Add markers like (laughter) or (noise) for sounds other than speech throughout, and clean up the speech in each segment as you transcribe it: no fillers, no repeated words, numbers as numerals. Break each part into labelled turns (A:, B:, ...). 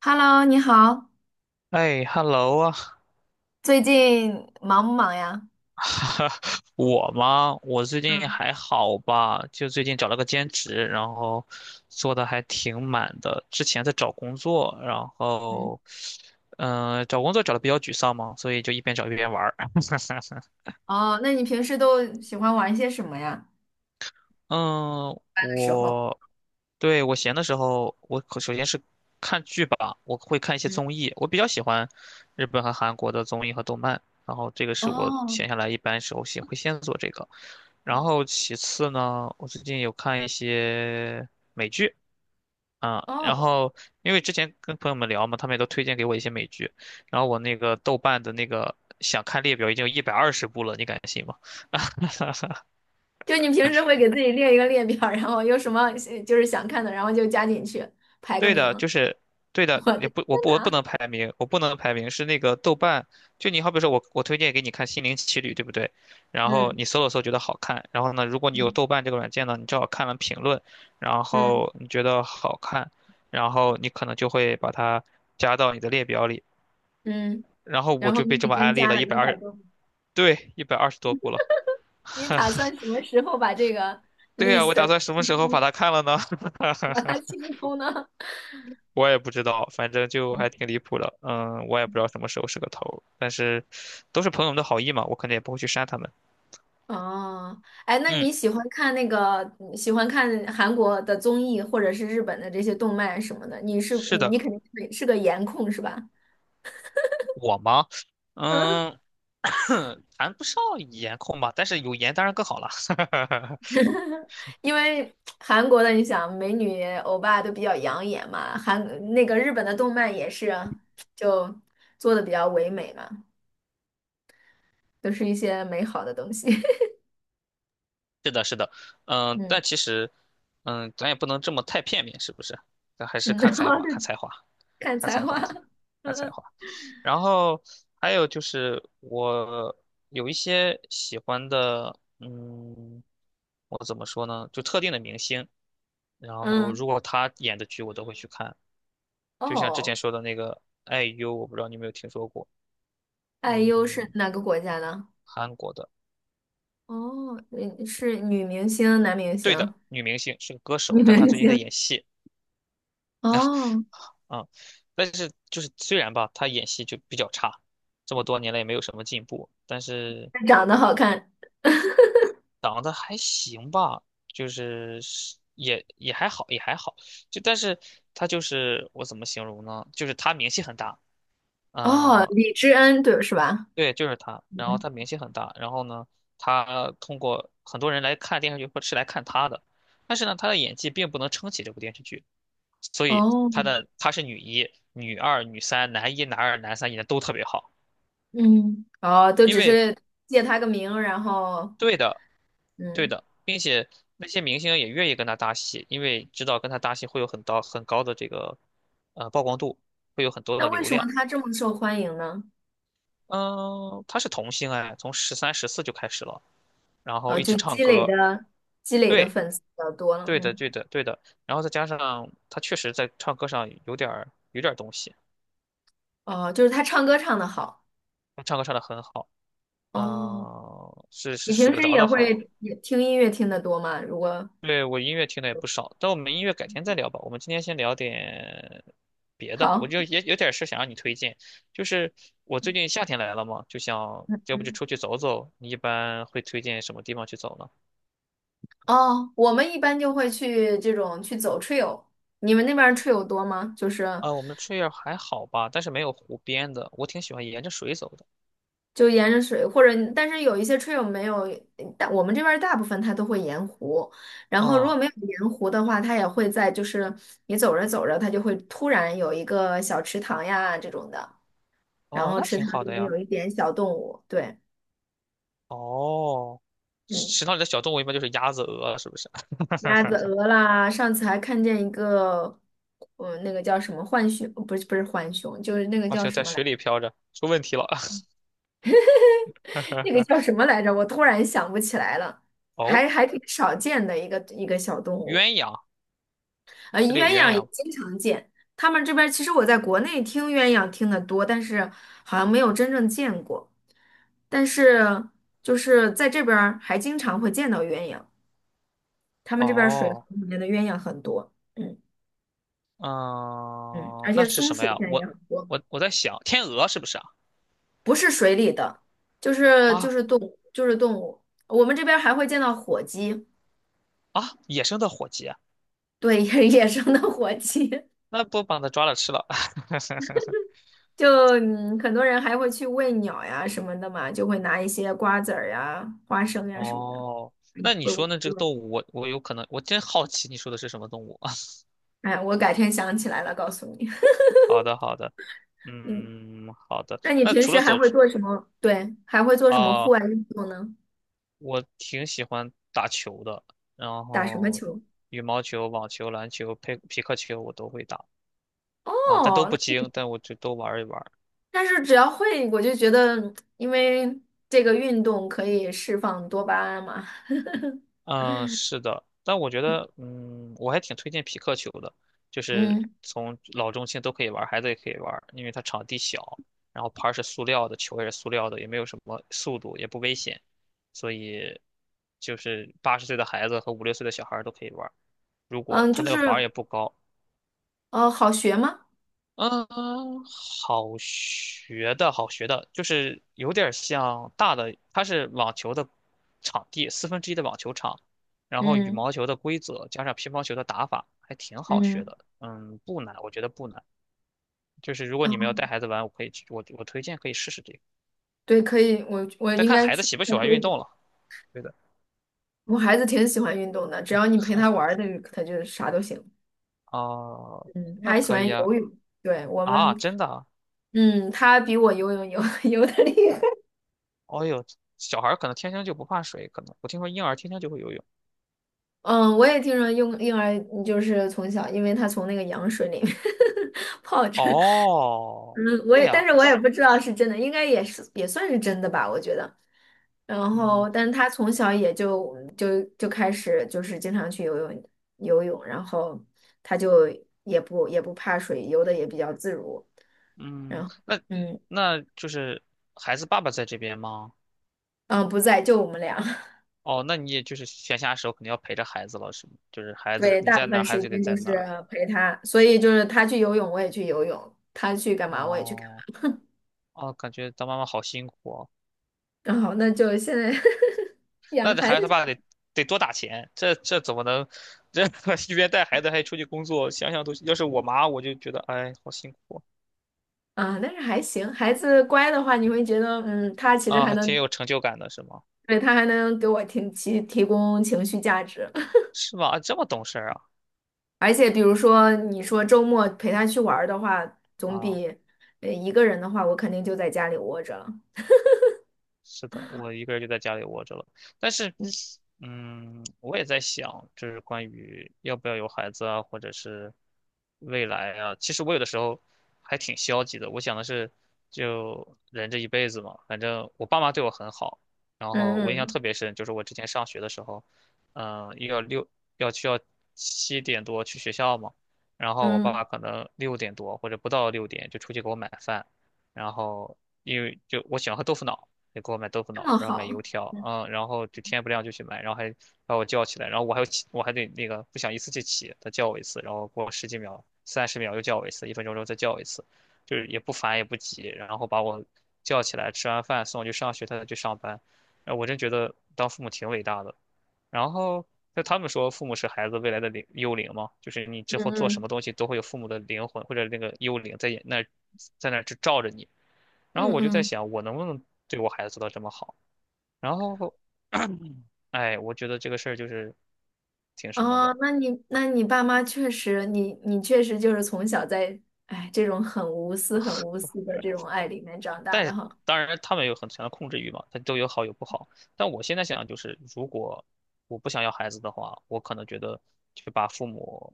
A: Hello，你好，
B: 哎，hello 啊，
A: 最近忙不忙呀？
B: (laughs) 我吗？我最近
A: 嗯
B: 还好吧，就最近找了个兼职，然后做的还挺满的。之前在找工作，然
A: 嗯。
B: 后，找工作找的比较沮丧嘛，所以就一边找一边玩儿。(laughs)
A: 哦，那你平时都喜欢玩些什么呀？
B: 嗯，
A: 那个时候，
B: 我对我闲的时候，我可首先是看剧吧，我会看一些
A: 嗯。
B: 综艺，我比较喜欢日本和韩国的综艺和动漫，然后这个是我
A: 哦。
B: 闲下来一般时候先会先做这个，然后其次呢，我最近有看一些美剧。啊，然
A: 哦。
B: 后因为之前跟朋友们聊嘛，他们也都推荐给我一些美剧，然后我那个豆瓣的那个想看列表已经有120部了，你敢信吗？(laughs)
A: 就你平时会给自己列一个列表，然后有什么就是想看的，然后就加进去，排个
B: 对
A: 名。
B: 的，就是对的，
A: 我
B: 也
A: 的。
B: 不，我不能排名，是那个豆瓣，就你好比说我推荐给你看《心灵奇旅》，对不对？然后
A: 嗯
B: 你搜了搜觉得好看，然后呢，如果你有
A: 嗯。
B: 豆瓣这个软件呢，你正好看了评论，然
A: 嗯
B: 后你觉得好看，然后你可能就会把它加到你的列表里，
A: 嗯。
B: 然后我
A: 然后
B: 就
A: 你
B: 被这
A: 已
B: 么
A: 经
B: 安利
A: 加
B: 了一
A: 了
B: 百
A: 一
B: 二，
A: 百
B: 十，
A: 多名。
B: 对，120多部了。
A: 你打
B: (laughs)
A: 算什么时候把这个
B: 对呀，
A: list
B: 我打算什么
A: 清
B: 时候把
A: 空？
B: 它看了呢？
A: (laughs) 把它
B: (laughs)
A: 清空呢？
B: 我也不知道，反正就还挺离谱的。嗯，我也不知道什么时候是个头儿但是都是朋友们的好意嘛，我肯定也不会去删他们。
A: 哦。哎，那
B: 嗯，
A: 你喜欢看那个喜欢看韩国的综艺，或者是日本的这些动漫什么的？你是
B: 是
A: 你
B: 的，
A: 你肯定是个颜控是吧？
B: 我吗？
A: (laughs)
B: 嗯，(coughs) (clears throat) 谈不上颜控吧，但是有颜当然更好了。(laughs)
A: 因为韩国的你想美女欧巴都比较养眼嘛，韩那个日本的动漫也是啊，就做的比较唯美嘛，都是一些美好的东西。(laughs)
B: 是的，是的，嗯，
A: 嗯
B: 但其实，嗯，咱也不能这么太片面，是不是？咱还是
A: 嗯。(laughs)
B: 看
A: 然
B: 才
A: 后
B: 华，
A: 就
B: 看才华，
A: 看
B: 看
A: 才
B: 才
A: 华。
B: 华的，
A: (laughs)
B: 看才
A: 嗯
B: 华。然后还有就是我有一些喜欢的，嗯，我怎么说呢？就特定的明星，然后
A: 嗯。
B: 如果他演的剧我都会去看，就像之前
A: 哦。
B: 说的那个 IU，我不知道你有没有听说过，
A: IU 是
B: 嗯，
A: 哪个国家的？
B: 韩国的，
A: 哦，嗯是女明星、男明
B: 对的，
A: 星？
B: 女
A: (laughs)
B: 明星是个歌手，
A: 女
B: 但她
A: 明
B: 最近在
A: 星。
B: 演戏，
A: 哦，
B: 啊、但是就是虽然吧，她演戏就比较差，这么多年来也没有什么进步，但是。
A: 长得好看。
B: 长得还行吧，就是是也也还好，也还好。就但是他就是我怎么形容呢？就是他名气很大，
A: 哦，
B: 嗯、
A: 李知恩，对，是吧？
B: 对，就是他。然后他名气很大，然后呢，他通过很多人来看电视剧，或是来看他的，但是呢，他的演技并不能撑起这部电视剧，所以
A: 哦，
B: 他的他是女一、女二、女三、男一、男二、男三演的都特别好。
A: 嗯，哦，都
B: 因
A: 只
B: 为。
A: 是借他个名，然后，
B: 对的，对
A: 嗯。
B: 的，并且那些明星也愿意跟他搭戏，因为知道跟他搭戏会有很高很高的这个呃曝光度，会有很多
A: 那
B: 的
A: 为
B: 流
A: 什么
B: 量。
A: 他这么受欢迎呢？
B: 嗯，他是童星哎，从13、14就开始了，然后
A: 哦，
B: 一直
A: 就
B: 唱
A: 积累
B: 歌。
A: 的积累的
B: 对，
A: 粉丝比较多了。
B: 对的，
A: 嗯，
B: 对的，对的。然后再加上他确实在唱歌上有点儿东西，
A: 哦，就是他唱歌唱的好。
B: 他唱歌唱得很好，
A: 哦，
B: 嗯，是是
A: 你
B: 数
A: 平
B: 得
A: 时
B: 着
A: 也
B: 的好。
A: 会也听音乐听的多吗？如果
B: 对，我音乐听的也不少，但我们音乐改天再聊吧。我们今天先聊点别的，
A: 好。
B: 我就也有点事想让你推荐，就是我最近夏天来了嘛，就想要不就出去走走。你一般会推荐什么地方去走呢？
A: 哦，我们一般就会去这种去走 trail，你们那边儿 trail 多吗？就是
B: 啊，我们这儿还好吧，但是没有湖边的，我挺喜欢沿着水走的。
A: 就沿着水，或者但是有一些 trail 没有，但我们这边儿大部分它都会沿湖，然后如果
B: 嗯，
A: 没有沿湖的话，它也会在就是你走着走着，它就会突然有一个小池塘呀这种的，然
B: 哦，
A: 后
B: 那
A: 池
B: 挺
A: 塘
B: 好
A: 里
B: 的
A: 面
B: 呀。
A: 有一点小动物。对。
B: 哦，
A: 嗯，
B: 池塘里的小动物一般就是鸭子、鹅，是不是？
A: 鸭子、
B: (laughs)
A: 鹅啦，上次还看见一个。嗯，那个叫什么浣熊，不是浣熊，就是那个
B: 而
A: 叫
B: 且
A: 什
B: 在
A: 么来着，
B: 水里飘着，出问题了。
A: 那个叫
B: (laughs)
A: 什么来着？我突然想不起来了。
B: 哦，
A: 还挺少见的一个小动物。
B: 鸳鸯，这
A: 鸳
B: 里有鸳
A: 鸯也
B: 鸯吗？
A: 经常见。他们这边其实我在国内听鸳鸯听得多，但是好像没有真正见过。但是就是在这边儿还经常会见到鸳鸯，他们这边儿水河
B: 哦，
A: 里面的鸳鸯很多。嗯。嗯，而
B: 嗯，那
A: 且
B: 是
A: 松
B: 什么
A: 鼠
B: 呀？
A: 现在
B: 我
A: 也很
B: 我
A: 多。
B: 我我在想，天鹅是不是啊？
A: 不是水里的，就是就
B: 啊
A: 是动物，就是动物。我们这边儿还会见到火鸡。
B: 啊，野生的火鸡啊，
A: 对，野生的火鸡。
B: 那不把它抓了吃了？(laughs)
A: 就很多人还会去喂鸟呀什么的嘛，就会拿一些瓜子儿呀、花生呀什么的。
B: 哦，
A: 嗯
B: 那你
A: 我
B: 说呢？这个
A: 我
B: 动物，我有可能，我真好奇你说的是什么动物。(laughs)
A: 哎，我改天想起来了告诉你。
B: 好的，好的，
A: (laughs) 嗯，
B: 嗯，好的。
A: 那你
B: 那
A: 平
B: 除
A: 时
B: 了走
A: 还会做什么？对，还会做什么户
B: 啊，
A: 外运动呢？
B: 我挺喜欢打球的，然
A: 打什么
B: 后
A: 球？
B: 羽毛球、网球、篮球、佩匹克球我都会打啊，但都
A: 哦，
B: 不
A: 那
B: 精，但我就都玩一玩。
A: 但是只要会，我就觉得，因为这个运动可以释放多巴胺嘛。
B: 嗯，是的，但我觉得，嗯，我还挺推荐匹克球的，就是
A: 嗯
B: 从老中青都可以玩儿孩子也可以玩儿因为它场地小，然后拍儿是塑料的，球也是塑料的，也没有什么速度，也不危险，所以就是80岁的孩子和5、6岁的小孩儿都可以玩儿如果
A: 嗯，
B: 他
A: 就
B: 那个网
A: 是
B: 也不高，
A: 好学吗？
B: 嗯，好学的，好学的，就是有点儿像大的，它是网球的场地，四分之一的网球场，然后羽
A: 嗯
B: 毛球的规则加上乒乓球的打法，还挺好学
A: 嗯。
B: 的。嗯，不难，我觉得不难。就是如果你们要带孩子玩，我可以去，我推荐可以试试这个。
A: 对，可以，我
B: 再
A: 应
B: 看
A: 该
B: 孩子
A: 去
B: 喜不
A: 看
B: 喜欢运
A: 推。
B: 动了。对的。
A: 我孩子挺喜欢运动的，只要你陪他玩儿的，他就啥都行。
B: 哦，
A: 嗯，他
B: 那
A: 还喜
B: 可
A: 欢
B: 以啊。
A: 游泳。对，我
B: 啊，
A: 们。
B: 真的啊？
A: 嗯，他比我游泳游 (laughs) 游的厉害。
B: 哦呦，小孩儿可能天生就不怕水，可能我听说婴儿天生就会游泳。
A: 嗯，我也听说婴儿就是从小，因为他从那个羊水里面 (laughs) 泡着。
B: 哦，
A: 嗯，我
B: 这
A: 也，
B: 样。
A: 但是我也不知道是真的，应该也是也算是真的吧，我觉得。然
B: 嗯
A: 后，但是他从小也就开始就是经常去游泳，然后他就也不怕水，游的也比较自如。然
B: 嗯，
A: 后，
B: 那
A: 嗯
B: 那就是孩子爸爸在这边吗？
A: 嗯，不在，就我们俩。(laughs)
B: 哦，那你也就是闲暇时候肯定要陪着孩子了，是吗？就是孩子
A: 对，
B: 你
A: 大部
B: 在哪
A: 分
B: 儿，孩
A: 时
B: 子就得
A: 间
B: 在
A: 都
B: 哪
A: 是
B: 儿。
A: 陪他，所以就是他去游泳，我也去游泳；他去干嘛，我也去干
B: 哦
A: 嘛。
B: 哦，感觉当妈妈好辛苦哦。
A: 然后，那就现在 (laughs) 养
B: 那这
A: 孩
B: 孩
A: 子。
B: 子他爸得多打钱，这怎么能这 (laughs) 一边带孩子还出去工作？想想都，要是我妈，我就觉得哎，好辛苦
A: 啊，但是还行，孩子乖的话，你会觉得，嗯，他其
B: 哦
A: 实
B: 啊，
A: 还
B: 还挺
A: 能，
B: 有成就感的，是吗？
A: 对，他还能给我提供情绪价值。
B: 是吗？啊这么懂事儿啊
A: (laughs) 而且比如说你说周末陪他去玩儿的话，总
B: 啊！
A: 比一个人的话，我肯定就在家里窝着了。
B: 是的，我一个人就在家里窝着了。但是，
A: 嗯
B: 嗯，我也在想，就是关于要不要有孩子啊，或者是未来啊。其实我有的时候还挺消极的。我想的是，就人这一辈子嘛，反正我爸妈对我很好。然后我印象
A: 嗯
B: 特别深，就是我之前上学的时候，嗯、要六要需要7点多去学校嘛，然后我
A: 嗯。
B: 爸
A: 嗯，
B: 爸可能6点多或者不到六点就出去给我买饭，然后因为就我喜欢喝豆腐脑。得给我买豆腐
A: 这
B: 脑，
A: 么
B: 然后买
A: 好。
B: 油条，嗯，然后就天不亮就去买，然后还把我叫起来，然后我还要起，我还得那个不想一次就起，他叫我一次，然后过10几秒、30秒又叫我一次，1分钟之后再叫我一次，就是也不烦也不急，然后把我叫起来，吃完饭送我去上学，他再去上班，呃，我真觉得当父母挺伟大的。然后就他们说，父母是孩子未来的灵幽灵嘛，就是你之后
A: 嗯
B: 做什么
A: 嗯
B: 东西都会有父母的灵魂或者那个幽灵在那儿就罩着你。然后
A: 嗯
B: 我就在
A: 嗯。
B: 想，我能不能对我孩子做到这么好？然后，哎，我觉得这个事儿就是挺什么的。
A: 哦，那你爸妈确实，你确实就是从小在，哎，这种很无私、很无私的这种爱里面长大
B: 但
A: 的
B: 是
A: 哈。
B: 当然他们有很强的控制欲嘛，它都有好有不好。但我现在想就是，如果我不想要孩子的话，我可能觉得就把父母，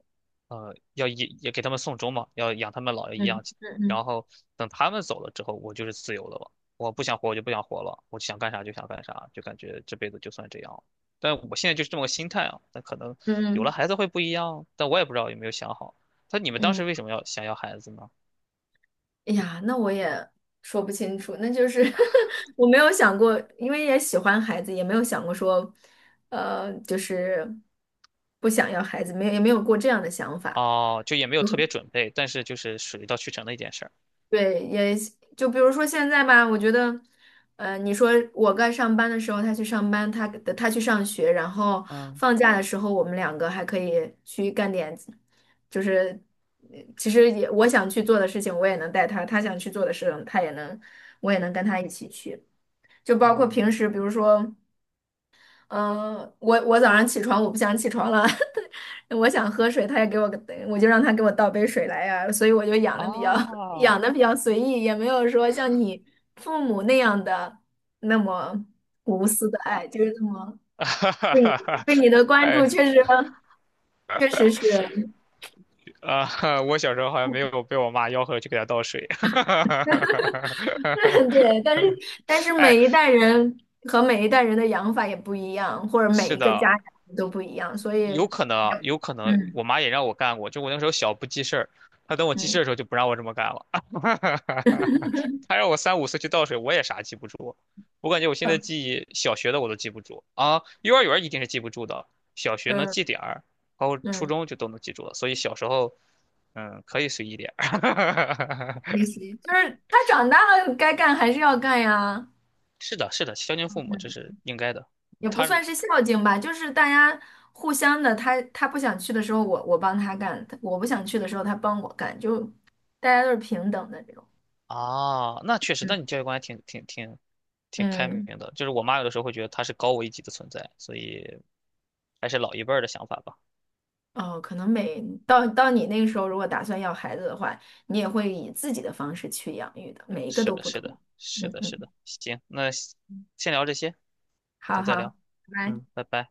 B: 呃，要也给他们送终嘛，要养他们老一样，
A: 嗯嗯
B: 然后等他们走了之后，我就是自由了嘛。我不想活，我就不想活了，我想干啥就想干啥，就感觉这辈子就算这样了。但我现在就是这么个心态啊，那可能
A: 嗯嗯
B: 有了
A: 嗯。
B: 孩子会不一样，但我也不知道有没有想好。那你们当时为
A: 嗯
B: 什么要想要孩子呢？
A: 哎呀，那我也说不清楚，那就是 (laughs) 我没有想过，因为也喜欢孩子，也没有想过说，就是不想要孩子，没有也没有过这样的想法。
B: 哦，就也没有特别准备，但是就是水到渠成的一件事儿。
A: 对，也就比如说现在吧，我觉得，你说我该上班的时候他去上班，他去上学，然后
B: 嗯
A: 放假的时候我们两个还可以去干点，就是其实也我想去做的事情我也能带他，他想去做的事情他也能，我也能跟他一起去，就包括平
B: 嗯，
A: 时比如说。嗯，我早上起床，我不想起床了，(laughs) 我想喝水，他也给我，我就让他给我倒杯水来呀、所以我就养的比较 (laughs)
B: 哦，
A: 养的比较随意，也没有说像你父母那样的那么无私的爱，就是这么
B: (laughs) 哈
A: (laughs)
B: 哈
A: 对你
B: 哈哈
A: 对你的关
B: 哎
A: 注，确实是
B: 啊，我小时候好像没有被我妈吆喝去给她倒水。(laughs)
A: (laughs) 对，但是
B: 哎，
A: 每一代人和每一代人的养法也不一样，或者每
B: 是
A: 一个家
B: 的，
A: 长都不一样，所以
B: 有
A: 嗯
B: 可能啊，有可能
A: 嗯
B: 我妈也让我干过，就我那时候小不记事儿，她等我记事
A: 嗯。
B: 儿的时候就不让我这么干了，(laughs) 她让我3、5岁去倒水，我也啥记不住。我感觉我现
A: 呃
B: 在记忆小学的我都记不住啊，幼儿园儿一定是记不住的，小学能
A: 嗯
B: 记点儿，包括初
A: 嗯
B: 中就都能记住了，所以小时候嗯可以随意点儿。
A: 学习，就是他长大了该干还是要干呀。
B: (laughs) 是的，是的，孝敬父母这
A: 嗯，
B: 是应该的，
A: 也不
B: 他
A: 算是孝敬吧，就是大家互相的，他不想去的时候我帮他干，我不想去的时候他帮我干，就大家都是平等的这种。
B: 啊，那确实，
A: 嗯。
B: 那你教育观还挺开明
A: 嗯。
B: 的。就是我妈有的时候会觉得她是高我一级的存在，所以还是老一辈儿的想法吧。
A: 哦，可能每到你那个时候，如果打算要孩子的话，你也会以自己的方式去养育的，每一个
B: 是
A: 都
B: 的，
A: 不
B: 是
A: 同。
B: 的，是
A: 嗯
B: 的，是
A: 嗯。
B: 的。行，那先聊这些，改
A: 好
B: 天再
A: 好。
B: 聊。
A: 拜拜。
B: 嗯，拜拜。